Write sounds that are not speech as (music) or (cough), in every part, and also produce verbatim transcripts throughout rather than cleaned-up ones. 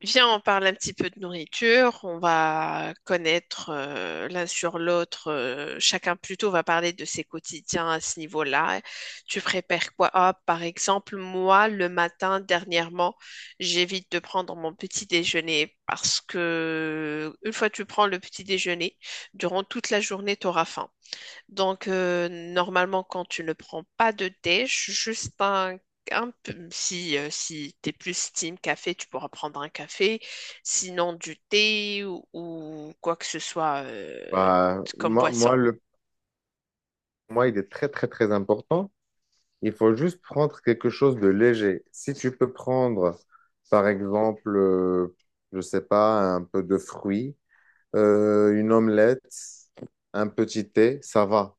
Viens, on parle un petit peu de nourriture. On va connaître euh, l'un sur l'autre. euh, chacun plutôt va parler de ses quotidiens à ce niveau-là. Tu prépares quoi? Ah, par exemple, moi, le matin, dernièrement, j'évite de prendre mon petit déjeuner parce que une fois que tu prends le petit déjeuner, durant toute la journée, tu auras faim. Donc, euh, normalement, quand tu ne prends pas de thé, ju- juste un, un peu, si, euh, si tu es plus team café, tu pourras prendre un café. Sinon, du thé ou, ou quoi que ce soit euh, Bah, comme moi, boisson. moi, le, moi, il est très, très, très important. Il faut juste prendre quelque chose de léger. Si tu peux prendre, par exemple, euh, je sais pas, un peu de fruits, euh, une omelette, un petit thé, ça va.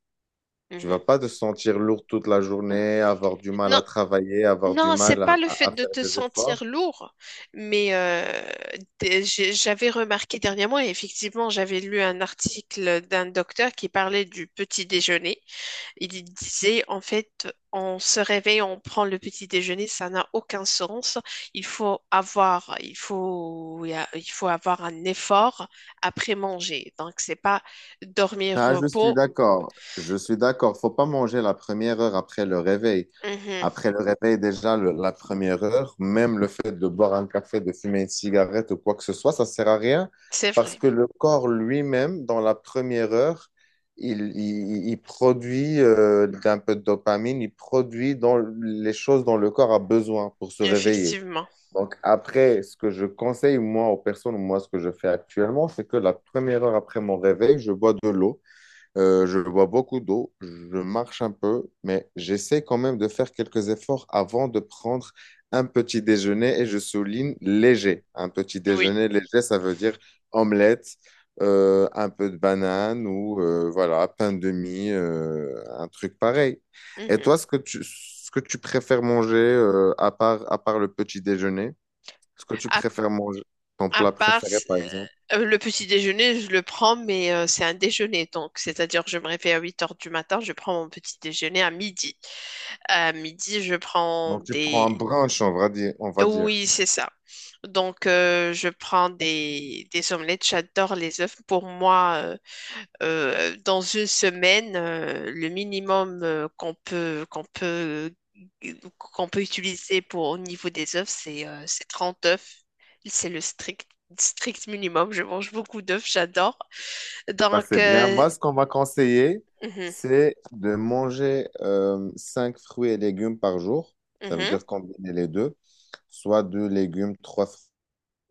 Tu vas Mhm. pas te sentir lourd toute la journée, avoir du mal Non, à travailler, avoir du non, c'est mal à, pas le fait à- à de faire te des sentir efforts. lourd, mais euh, d- j'ai- j'avais remarqué dernièrement, et effectivement, j'avais lu un article d'un docteur qui parlait du petit déjeuner. Il disait, en fait, on se réveille, on prend le petit déjeuner, ça n'a aucun sens. Il faut avoir, il faut, il faut avoir un effort après manger. Donc, c'est pas dormir, Ah, je suis repos. d'accord. Je suis d'accord. Faut pas manger la première heure après le réveil. Mhm. Après le réveil, déjà, le- la première heure, même le fait de boire un café, de fumer une cigarette ou quoi que ce soit, ça sert à rien C'est parce vrai, que le corps lui-même, dans la première heure, il, il- il produit euh, un peu de dopamine, il produit dans les choses dont le corps a besoin pour se réveiller. effectivement. Donc après, ce que je conseille, moi, aux personnes, moi, ce que je fais actuellement, c'est que la première heure après mon réveil, je bois de l'eau. Euh, je bois beaucoup d'eau, je marche un peu, mais j'essaie quand même de faire quelques efforts avant de prendre un petit déjeuner et je souligne léger. Un petit Oui. déjeuner léger, ça veut dire omelette, euh, un peu de banane ou euh, voilà, pain de mie, euh, un truc pareil. Et Mhm. toi, ce que tu, ce que tu préfères manger euh, à part, à part le petit déjeuner, ce que tu À, préfères manger, ton à plat part préféré par exemple. euh, le petit déjeuner, je le prends, mais euh, c'est un déjeuner. Donc, c'est-à-dire, je me réveille à huit heures du matin, je prends mon petit déjeuner à midi. À midi, je prends Donc tu prends un des. brunch, on va dire, on va dire. Oui, c'est ça. Donc, euh, je prends des, des omelettes. J'adore les œufs. Pour moi, euh, euh, dans une semaine, euh, le minimum euh, qu'on peut, qu'on peut, qu'on peut utiliser pour, au niveau des œufs, c'est euh, c'est trente œufs. C'est le strict, strict minimum. Je mange beaucoup d'œufs. J'adore. Bah, Donc, c'est bien. euh, Moi, ce qu'on m'a conseillé, mhm, c'est de manger euh, cinq fruits et légumes par jour. Ça veut mhm, dire combiner les deux, soit deux légumes, trois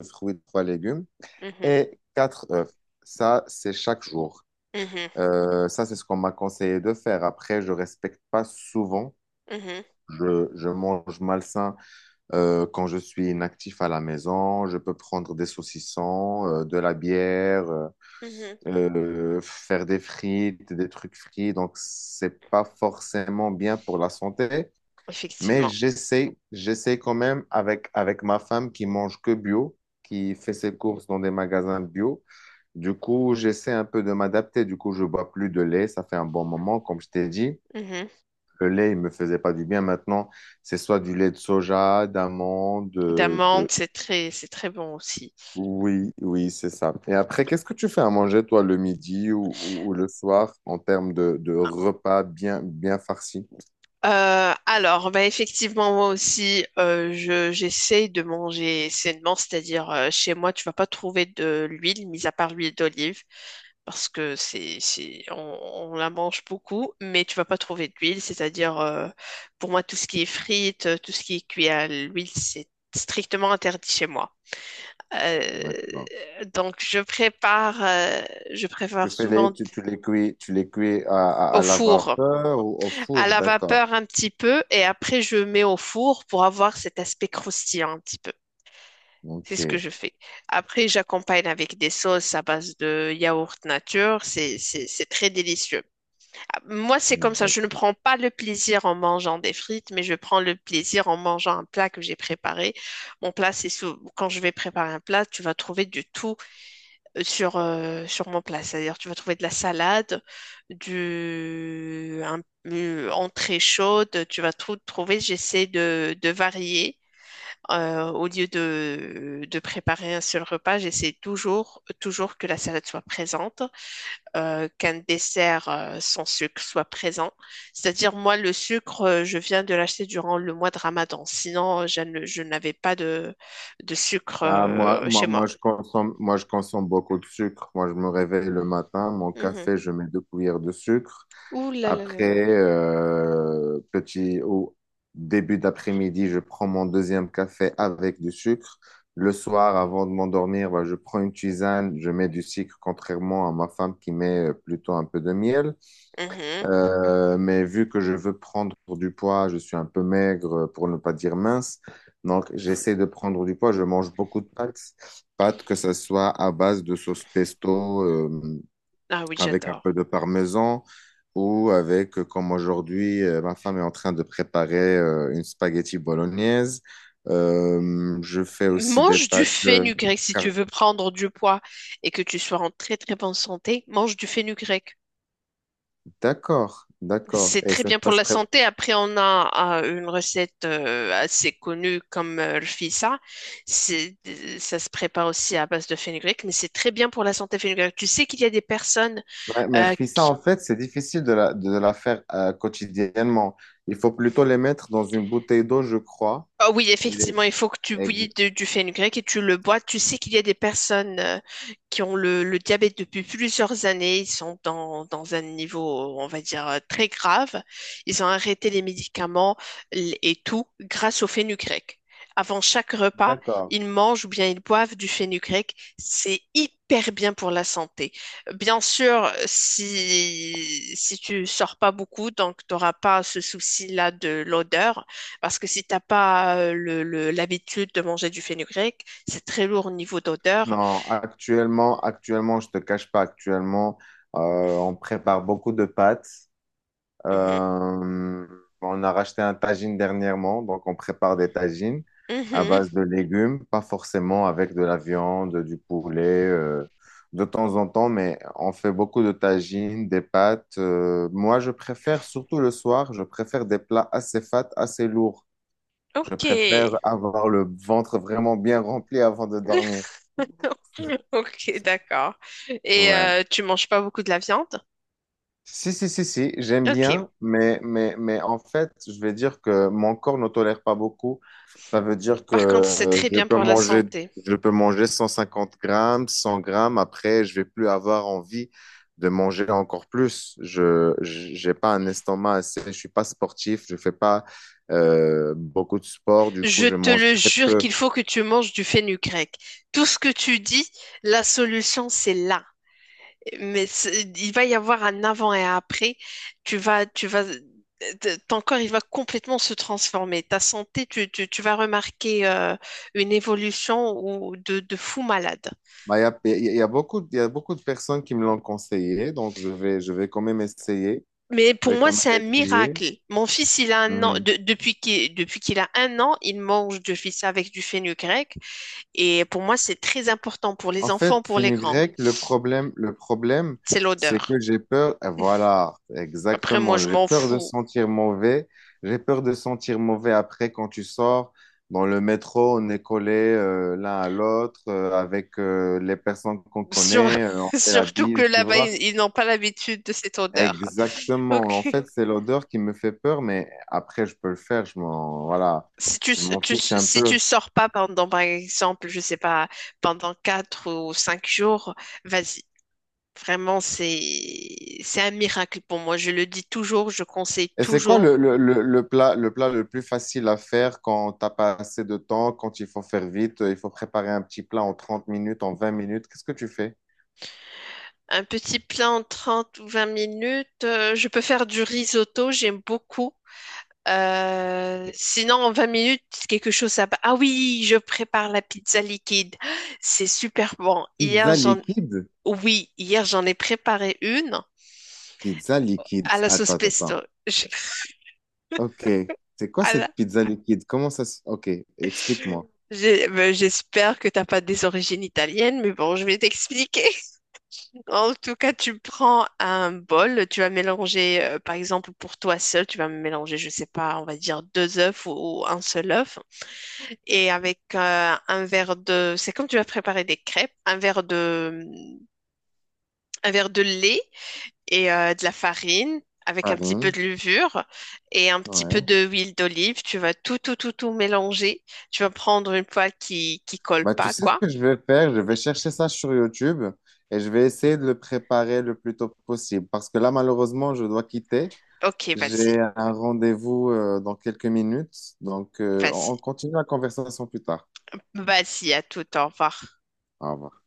fruits, trois légumes mhm, et quatre œufs. Ça, c'est chaque jour. mhm, Euh, ça, c'est ce qu'on m'a conseillé de faire. Après, je respecte pas souvent. mhm, Je, je mange malsain euh, quand je suis inactif à la maison. Je peux prendre des saucissons, euh, de la bière. euh, mhm. Euh, faire des frites, des trucs frits, donc c'est pas forcément bien pour la santé, mais Effectivement. j'essaie, j'essaie quand même avec, avec ma femme qui mange que bio, qui fait ses courses dans des magasins bio. Du coup, j'essaie un peu de m'adapter. Du coup, je bois plus de lait. Ça fait un bon moment, comme je t'ai dit. Mhm. Le lait, il me faisait pas du bien. Maintenant, c'est soit du lait de soja, d'amande, de, de, D'amandes, c'est très, c'est très bon aussi. oui, oui, c'est ça. Et après, qu'est-ce que tu fais à manger, toi, le midi ou, ou- ou le soir, en termes de, de repas bien, bien farcis? Euh, alors, bah effectivement, moi aussi, euh, je, j'essaye de manger sainement, c'est-à-dire euh, chez moi, tu vas pas trouver de l'huile, mis à part l'huile d'olive, parce que c'est, c'est, on, on la mange beaucoup, mais tu vas pas trouver d'huile, c'est-à-dire euh, pour moi, tout ce qui est frites, euh, tout ce qui est cuit à l'huile, c'est strictement interdit chez moi. Euh, D'accord. donc, je prépare, euh, je Tu prépare fais les, souvent tu, tu les cuis, tu les cuis à, à, au à la four. vapeur ou au À four, la d'accord. vapeur un petit peu et après je mets au four pour avoir cet aspect croustillant un petit peu. C'est Ok, ce que je fais. Après, j'accompagne avec des sauces à base de yaourt nature. C'est, c'est, c'est très délicieux. Moi, c'est comme ça. Je ne d'accord. prends pas le plaisir en mangeant des frites, mais je prends le plaisir en mangeant un plat que j'ai préparé. Mon plat, c'est sou- quand je vais préparer un plat, tu vas trouver du tout sur, euh, sur mon plat. C'est-à-dire, tu vas trouver de la salade, du, un, une entrée chaude, tu vas tout trouver. J'essaie de, de varier. Euh, au lieu de, de préparer un seul repas, j'essaie toujours, toujours que la salade soit présente, euh, qu'un dessert euh, sans sucre soit présent. C'est-à-dire, moi, le sucre, euh, je viens de l'acheter durant le mois de Ramadan. Sinon, je ne- je n'avais pas de, de sucre Bah, moi, euh, chez moi, moi, moi. je consomme, moi, je consomme beaucoup de sucre. Moi, je me réveille le matin, mon Mhm. café, je mets deux cuillères de sucre. Ouh là là là Après, euh, petit au début d'après-midi, je prends mon deuxième café avec du sucre. Le soir, avant de m'endormir, bah, je prends une tisane, je mets du sucre, contrairement à ma femme qui met euh, plutôt un peu de miel. là. Euh, mais vu que je veux prendre du poids, je suis un peu maigre, euh, pour ne pas dire mince. Donc, j'essaie de prendre du poids. Je mange beaucoup de pâtes, pâtes que ce soit à base de sauce pesto. euh, Ah oui, Avec un j'adore. peu de parmesan ou avec, euh, comme aujourd'hui, euh, ma femme est en train de préparer euh, une spaghetti bolognaise. Euh, je fais aussi des Mange du pâtes. euh, fenugrec si tu car- veux prendre du poids et que tu sois en très très bonne santé. Mange du fenugrec. D'accord, d'accord. C'est Et très ça se bien pour passe la très... santé. Après, on a euh, une recette euh, assez connue comme euh, le fissa. C'est, Ça se prépare aussi à base de fenugrec, mais c'est très bien pour la santé fenugrec. Tu sais qu'il y a des personnes Ouais, mais euh, ça, qui. en fait, c'est difficile de la, de la faire euh, quotidiennement. Il faut plutôt les mettre dans une bouteille d'eau, je crois. Ah oui, Et les- effectivement, il faut que tu ex- bouillis de- du fenugrec et tu le bois. Tu sais qu'il y a des personnes euh, qui ont le, le diabète depuis plusieurs années. Ils sont dans, dans un niveau, on va dire, euh, très grave. Ils ont arrêté les médicaments l- et tout grâce au fenugrec. Avant chaque repas, D'accord. ils mangent ou bien ils boivent du fenugrec. C'est hyper bien pour la santé. Bien sûr, si, si tu sors pas beaucoup, donc tu n'auras pas ce souci-là de l'odeur. Parce que si t'as pas euh, le, le- l'habitude de manger du fenugrec, c'est très lourd au niveau d'odeur. Non, actuellement, actuellement, je te cache pas, actuellement, euh, on prépare beaucoup de pâtes. Mhm. Euh, on a racheté un tagine dernièrement, donc on prépare des tagines à Mhm. base de légumes, pas forcément avec de la viande, du poulet, euh, de temps en temps, mais on fait beaucoup de tagines, des pâtes. Euh, moi, je préfère, surtout le soir, je préfère des plats assez fat, assez lourds. Je Ok, préfère avoir le ventre vraiment bien rempli avant de dormir. (laughs) ok, d'accord. Et Ouais. euh, tu manges pas beaucoup de la viande? Si, si, si, si, j'aime Ok. bien, mais, mais, mais en fait, je vais dire que mon corps ne tolère pas beaucoup. Ça veut dire que Par contre, c'est euh, très je bien peux pour la manger, santé. je peux manger cent cinquante grammes, cent grammes. Après, je vais plus avoir envie de manger encore plus. Je, j'ai pas un estomac assez, je suis pas sportif, je fais pas euh, beaucoup de sport. Du coup, Je je te mange le très jure peu. qu'il faut que tu manges du fenugrec. Tout ce que tu dis, la solution, c'est là. Mais c'est- il va y avoir un avant et un après. Tu vas, tu vas, euh, t- ton corps, il va complètement se transformer. Ta santé, tu, tu- tu vas remarquer euh, une évolution ou de, de fou malade. Bah, il y a, il y a il y a beaucoup, de- il y a beaucoup de personnes qui me l'ont conseillé, donc je vais, je vais quand même essayer. Mais Je pour vais moi, quand c'est un même essayer. miracle. Mon fils, il a un an, Mmh. de- depuis qu'il, depuis qu'il a un an, il mange du fils avec du fenugrec. Et pour moi, c'est très important pour les En fait, enfants, pour les grands. fenugrec, le problème, le problème, C'est c'est l'odeur. que j'ai peur. Et voilà, Après, moi, exactement. je J'ai m'en peur de fous. sentir mauvais. J'ai peur de sentir mauvais après quand tu sors dans le métro, on est collés euh, l'un à l'autre euh, avec euh, les personnes qu'on Sur- connaît. Euh, on (laughs) fait la surtout que bise, tu là-bas, vois. ils ils n'ont pas l'habitude de cette odeur. Exactement. En Ok. fait, c'est l'odeur qui me fait peur, mais après, je peux le faire. Je m'en, voilà, Si tu, je m'en tu fiche un si peu. tu sors pas pendant, par exemple, je sais pas, pendant quatre ou cinq jours, vas-y. Vraiment, c'est, c'est un miracle pour moi. Je le dis toujours, je conseille Et c'est quoi le, toujours. le, le, le plat, le plat le plus facile à faire quand t'as pas assez de temps, quand il faut faire vite, euh, il faut préparer un petit plat en trente minutes, en vingt minutes. Qu'est-ce que tu fais? Un petit plat en trente ou vingt minutes. euh, je peux faire du risotto, j'aime beaucoup. Euh, sinon, en vingt minutes, quelque chose à. Ah oui, je prépare la pizza liquide. C'est super bon. Hier, Pizza j'en. liquide? Oui, hier, j'en ai préparé une. Pizza liquide. À la sauce Attends, attends, attends. pesto. Je- Ok. C'est quoi à cette la- pizza liquide? Comment ça se... Ok, explique-moi. j'ai- ben, J'espère que t'as pas des origines italiennes, mais bon, je vais t'expliquer. (laughs) En tout cas, tu prends un bol, tu vas mélanger, euh, par exemple, pour toi seul, tu vas mélanger, je sais pas, on va dire deux œufs ou, ou un seul œuf, et avec euh, un verre de, c'est comme tu vas préparer des crêpes, un verre de, un verre de lait et euh, de la farine avec un petit peu Farine. de levure et un petit peu Ouais. de huile d'olive. Tu vas tout, tout, tout, tout mélanger. Tu vas prendre une poêle qui qui colle Bah, tu pas, sais ce quoi. que je vais faire? Je vais chercher ça sur YouTube et je vais essayer de le préparer le plus tôt possible. Parce que là, malheureusement, je dois quitter. Ok, vas-y, J'ai un rendez-vous euh, dans quelques minutes, donc euh, on on vas-y, continue la conversation plus tard. vas-y, à tout, au revoir. Au revoir.